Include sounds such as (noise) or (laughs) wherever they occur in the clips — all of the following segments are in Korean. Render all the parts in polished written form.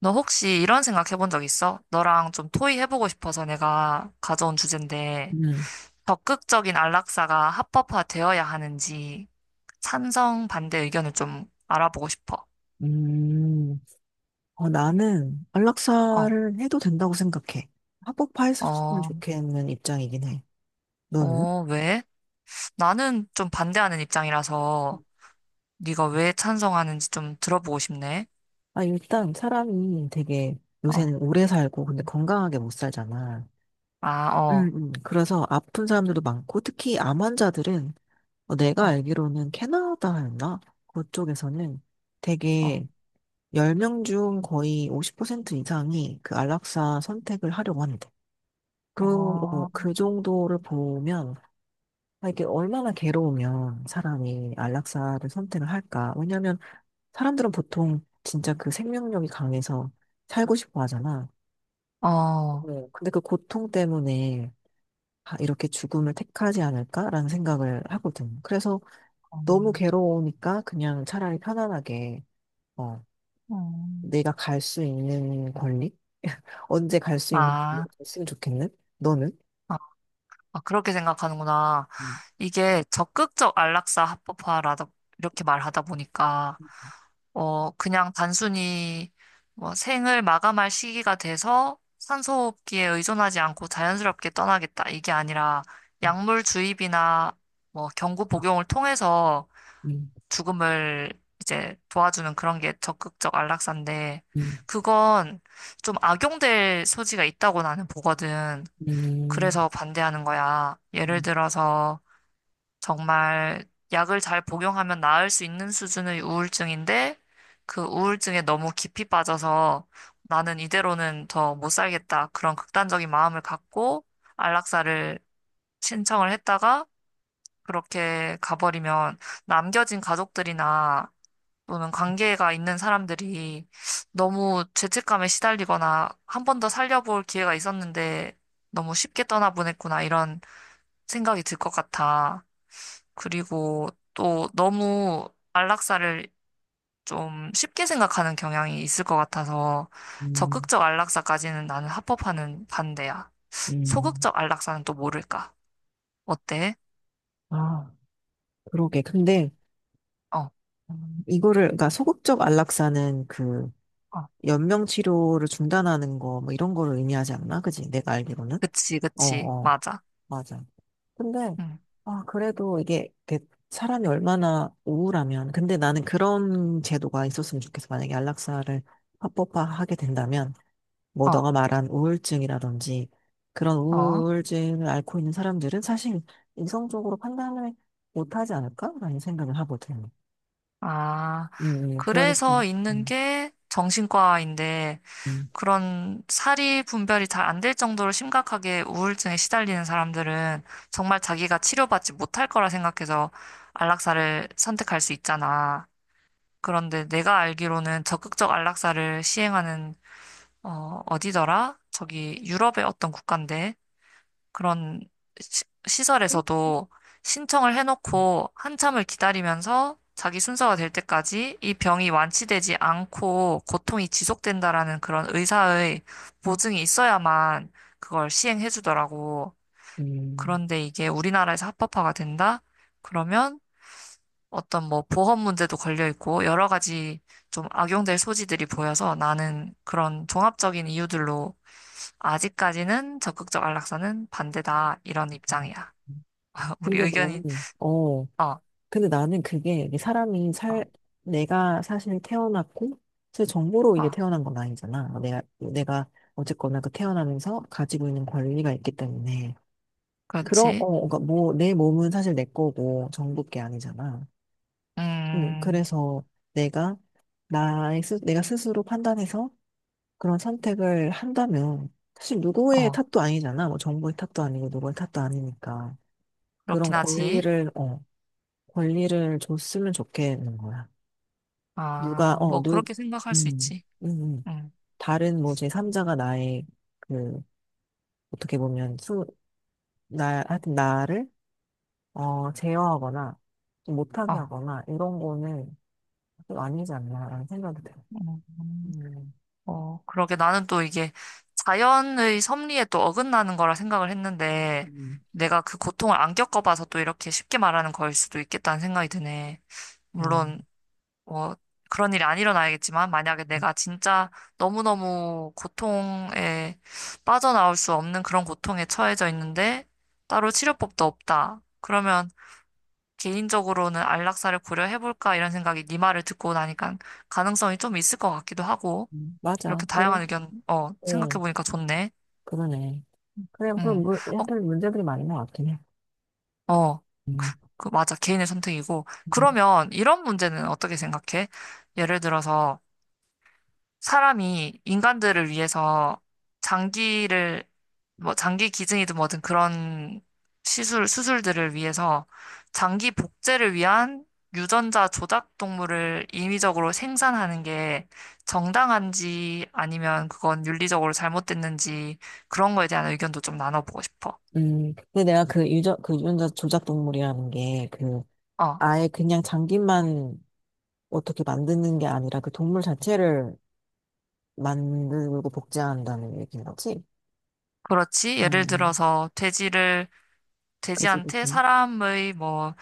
너 혹시 이런 생각 해본 적 있어? 너랑 좀 토의해보고 싶어서 내가 가져온 주제인데, 네. 적극적인 안락사가 합법화되어야 하는지 찬성, 반대 의견을 좀 알아보고 싶어. 음, 나는 어, 안락사를 해도 된다고 생각해. 합법화했으면 어, 좋겠는 입장이긴 해. 너는? 어, 왜? 나는 좀 반대하는 입장이라서 네가 왜 찬성하는지 좀 들어보고 싶네. 아, 일단 사람이 되게 어, 요새는 오래 살고 근데 건강하게 못 살잖아. 아, 어, 그래서 아픈 사람들도 많고 특히 암 환자들은 내가 어, 알기로는 캐나다였나? 그쪽에서는 어, 되게 10명 중 거의 50% 이상이 그 안락사 선택을 하려고 하는데. 어, 그 정도를 보면 아, 이게 얼마나 괴로우면 사람이 안락사를 선택을 할까? 왜냐면 사람들은 보통 진짜 그 생명력이 강해서 살고 싶어 하잖아. 어, 어, 네. 근데 그 고통 때문에 아, 이렇게 죽음을 택하지 않을까라는 생각을 하거든. 그래서 너무 괴로우니까 그냥 차라리 편안하게 어, 음, 내가 갈 수 있는 권리? (laughs) 언제 갈 수 있는 아. 권리가 있으면 좋겠는? 너는? 아, 그렇게 생각하는구나. 음, 이게 적극적 안락사 합법화라다, 이렇게 말하다 보니까, 어, 그냥 단순히 뭐 생을 마감할 시기가 돼서 산소호흡기에 의존하지 않고 자연스럽게 떠나겠다. 이게 아니라 음, 약물 주입이나 뭐 경구 복용을 통해서 죽음을 이제 도와주는 그런 게 적극적 안락사인데, 음, 그건 좀 악용될 소지가 있다고 나는 보거든. 음, 그래서 반대하는 거야. 예를 음, 들어서 정말 약을 잘 복용하면 나을 수 있는 수준의 우울증인데 그 우울증에 너무 깊이 빠져서 나는 이대로는 더 못 살겠다. 그런 극단적인 마음을 갖고 안락사를 신청을 했다가 그렇게 가버리면 남겨진 가족들이나 또는 관계가 있는 사람들이 너무 죄책감에 시달리거나 한 번 더 살려볼 기회가 있었는데 너무 쉽게 떠나보냈구나 이런 생각이 들 것 같아. 그리고 또 너무 안락사를 좀 쉽게 생각하는 경향이 있을 것 같아서 음. 적극적 안락사까지는 나는 합법화는 반대야. 음. 소극적 안락사는 또 모를까? 어때? 아. 그러게. 근데 어, 이거를 그러니까 소극적 안락사는 그 어, 연명 치료를 중단하는 거 뭐 이런 거를 의미하지 않나? 그지? 내가 알기로는. 그치, 어, 그치, 어. 맞아. 맞아. 근데 응, 아, 그래도 이게 이렇게 사람이 얼마나 우울하면 근데 나는 그런 제도가 있었으면 좋겠어. 만약에 안락사를 합법화하게 된다면 뭐 어, 너가 말한 우울증이라든지 그런 어. 우울증을 앓고 있는 사람들은 사실 이성적으로 판단을 못하지 않을까라는 생각을 하거든. 아, 그래서 그러니까. 있는 게 정신과인데 음, 그런 사리 분별이 잘 안 될 정도로 심각하게 우울증에 시달리는 사람들은 정말 자기가 치료받지 못할 거라 생각해서 안락사를 선택할 수 있잖아. 그런데 내가 알기로는 적극적 안락사를 시행하는 어, 어디더라? 저기 유럽의 어떤 국가인데 그런 시설에서도 신청을 해놓고 한참을 기다리면서 자기 순서가 될 때까지 이 병이 완치되지 않고 고통이 지속된다라는 그런 의사의 보증이 있어야만 그걸 시행해 주더라고. 음. 그런데 이게 우리나라에서 합법화가 된다? 그러면 어떤 뭐 보험 문제도 걸려 있고 여러 가지 좀 악용될 소지들이 보여서 나는 그런 종합적인 이유들로 아직까지는 적극적 안락사는 반대다 이런 입장이야. 음. 우리 근데 의견이, 나는, 어, 어, 어, 근데 나는 그게 이게 사람이 살, 내가 사실 태어났고, 사실 정보로 이게 어, 태어난 건 아니잖아. 내가 어쨌거나 그 태어나면서 가지고 있는 권리가 있기 때문에. 그렇지. 그러니까 뭐, 내 몸은 사실 내 거고, 정부 게 아니잖아. 음, 그래서 내가, 내가 스스로 판단해서 그런 선택을 한다면 사실 누구의 어, 탓도 아니잖아. 뭐 정부의 탓도 아니고 누구의 탓도 아니니까 그런 그렇긴 하지. 권리를 줬으면 좋겠는 거야. 누가 아, 뭐, 어누. 그렇게 생각할 수 음, 있지. 음, 음. 음, 다른 뭐 제3자가 나의 그 어떻게 보면 수나 하여튼 나를 제어하거나 좀 못하게 어, 하거나 이런 거는 좀 아니지 않나라는 생각이 들어. 음, 음, 어, 그러게 나는 또 이게 자연의 섭리에 또 어긋나는 거라 생각을 했는데, 음. 내가 그 고통을 안 겪어봐서 또 이렇게 쉽게 말하는 거일 수도 있겠다는 생각이 드네. 어, 물론, 뭐 그런 일이 안 일어나야겠지만 만약에 음, 내가 진짜 너무너무 고통에 빠져나올 수 없는 그런 고통에 처해져 있는데 따로 치료법도 없다. 그러면 개인적으로는 안락사를 고려해볼까 이런 생각이 네 말을 듣고 나니까 가능성이 좀 있을 것 같기도 하고 맞아. 이렇게 그래. 다양한 의견 어 어, 생각해보니까 좋네. 그러네. 그냥 음. 한편 문제들이 많은 것 같긴 해. 어, 어. 음. 그 맞아. 개인의 선택이고. 음. 그러면 이런 문제는 어떻게 생각해? 예를 들어서 사람이 인간들을 위해서 장기를 뭐 장기 기증이든 뭐든 그런 시술 수술들을 위해서 장기 복제를 위한 유전자 조작 동물을 인위적으로 생산하는 게 정당한지 아니면 그건 윤리적으로 잘못됐는지 그런 거에 대한 의견도 좀 나눠보고 싶어. 근데 내가 그 유전자 조작 동물이라는 게, 어, 아예 그냥 장기만 어떻게 만드는 게 아니라 그 동물 자체를 만들고 복제한다는 얘기인 거지? 그렇지. 예를 음, 들어서 돼지를 그치, 돼지한테 그치. 사람의 뭐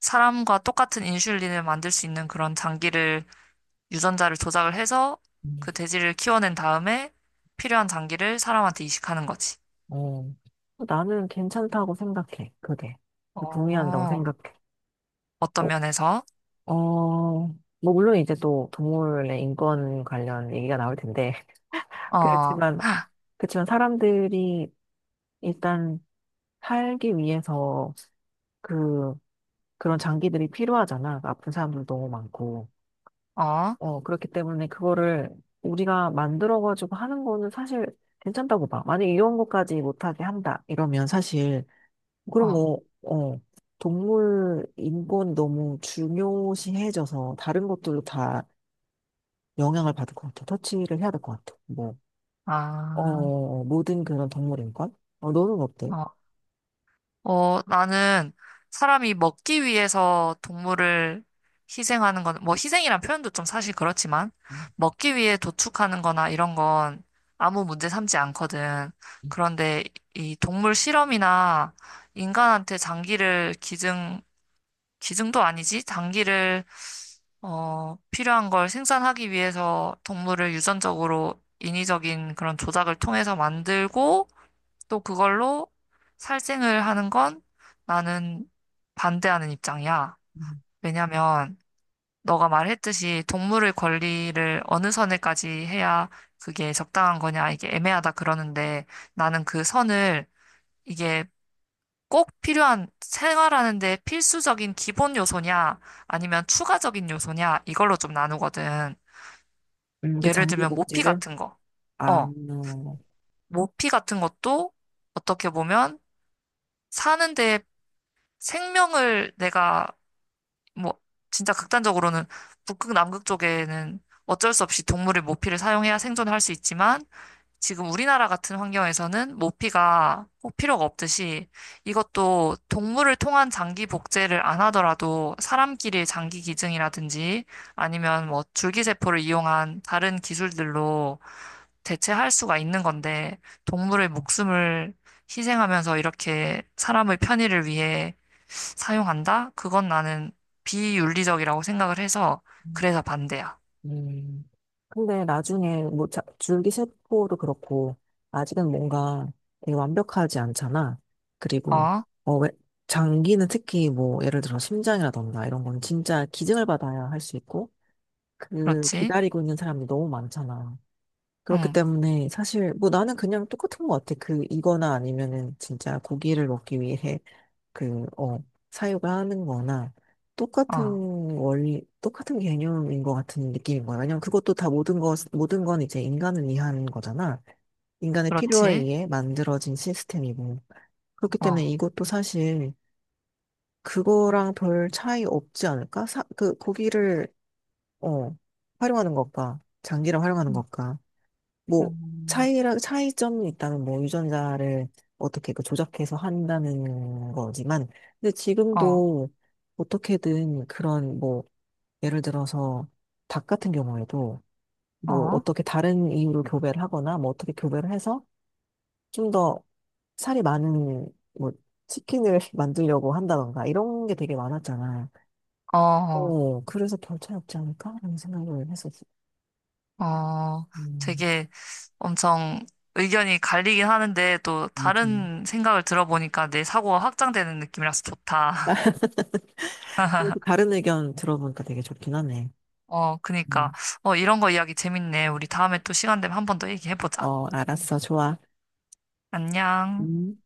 사람과 똑같은 인슐린을 만들 수 있는 그런 장기를 유전자를 조작을 해서 음. 그 돼지를 키워낸 다음에 필요한 장기를 사람한테 이식하는 거지. 어. 나는 괜찮다고 생각해, 그게. 동의한다고 어, 생각해. 어, 어떤 면에서? 어, 뭐, 물론 이제 또 동물의 인권 관련 얘기가 나올 텐데, 어, 그렇지만, 그렇지만 사람들이 일단 살기 위해서 그, 그런 장기들이 필요하잖아. 아픈 사람들 너무 많고. 어, 그렇기 때문에 그거를 우리가 만들어가지고 하는 거는 사실 괜찮다고 봐. 만약 이런 것까지 못하게 한다. 이러면 사실, 그럼 어, 뭐, 동물 인권 너무 중요시해져서 다른 것들도 다 영향을 받을 것 같아. 터치를 해야 될 것 같아. 뭐, 아, 모든 그런 동물 인권? 어, 너는 어때? 어, 어, 나는 사람이 먹기 위해서 동물을 희생하는 건, 뭐 희생이란 표현도 좀 사실 그렇지만, 먹기 위해 도축하는 거나 이런 건 아무 문제 삼지 않거든. 그런데 이 동물 실험이나 인간한테 장기를 기증도 아니지. 단기를, 어, 필요한 걸 생산하기 위해서 동물을 유전적으로 인위적인 그런 조작을 통해서 만들고 또 그걸로 살생을 하는 건 나는 반대하는 입장이야. 왜냐면 너가 말했듯이 동물의 권리를 어느 선에까지 해야 그게 적당한 거냐, 이게 애매하다 그러는데 나는 그 선을 이게 꼭 필요한 생활하는데 필수적인 기본 요소냐, 아니면 추가적인 요소냐, 이걸로 좀 나누거든. 그 예를 장기 들면 모피 복제를? 같은 거. 아, 어, 모피 같은 것도 어떻게 보면 사는데 생명을 내가 뭐 진짜 극단적으로는 북극 남극 쪽에는 어쩔 수 없이 동물의 모피를 사용해야 생존할 수 있지만 지금 우리나라 같은 환경에서는 모피가 꼭 필요가 없듯이 이것도 동물을 통한 장기 복제를 안 하더라도 사람끼리 장기 기증이라든지 아니면 뭐 줄기세포를 이용한 다른 기술들로 대체할 수가 있는 건데 동물의 목숨을 희생하면서 이렇게 사람의 편의를 위해 사용한다? 그건 나는 비윤리적이라고 생각을 해서 그래서 반대야. 음. 근데 나중에 뭐 줄기세포도 그렇고 아직은 뭔가 되게 완벽하지 않잖아. 그리고 어, 어, 왜, 장기는 특히 뭐 예를 들어 심장이라던가 이런 건 진짜 기증을 받아야 할 수 있고 그 그렇지. 기다리고 있는 사람이 너무 많잖아. 그렇기 응, 때문에 사실 뭐 나는 그냥 똑같은 것 같아. 그 이거나 아니면은 진짜 고기를 먹기 위해 그, 어, 사유가 하는 거나 똑같은 어, 원리, 똑같은 개념인 것 같은 느낌인 거야. 왜냐면 그것도 다 모든 것, 모든 건 이제 인간을 위한 거잖아. 인간의 필요에 그렇지. 의해 만들어진 시스템이고. 그렇기 때문에 어. 이것도 사실 그거랑 별 차이 없지 않을까? 그 고기를 어, 활용하는 것과 장기를 활용하는 것과 뭐 음, 차이라 차이점이 있다면 뭐 유전자를 어떻게 그 조작해서 한다는 거지만 근데 어, 지금도 어떻게든 그런 뭐 예를 들어서 닭 같은 경우에도 뭐 어, 어떻게 다른 이유로 교배를 하거나 뭐 어떻게 교배를 해서 좀 더 살이 많은 뭐 치킨을 (laughs) 만들려고 한다던가 이런 게 되게 많았잖아. 어, 어, 그래서 별 차이 없지 않을까라는 생각을 했었어. 어, 음, 되게 엄청 의견이 갈리긴 하는데 또 맞아. 다른 생각을 들어보니까 내 사고가 확장되는 느낌이라서 좋다. 그리고 다른 의견 들어보니까 되게 좋긴 하네. (laughs) 어, 그니까. 음. 어, 이런 거 이야기 재밌네. 우리 다음에 또 시간 되면 한 번 더 얘기해보자. 어, 알았어. 좋아. 안녕. 음.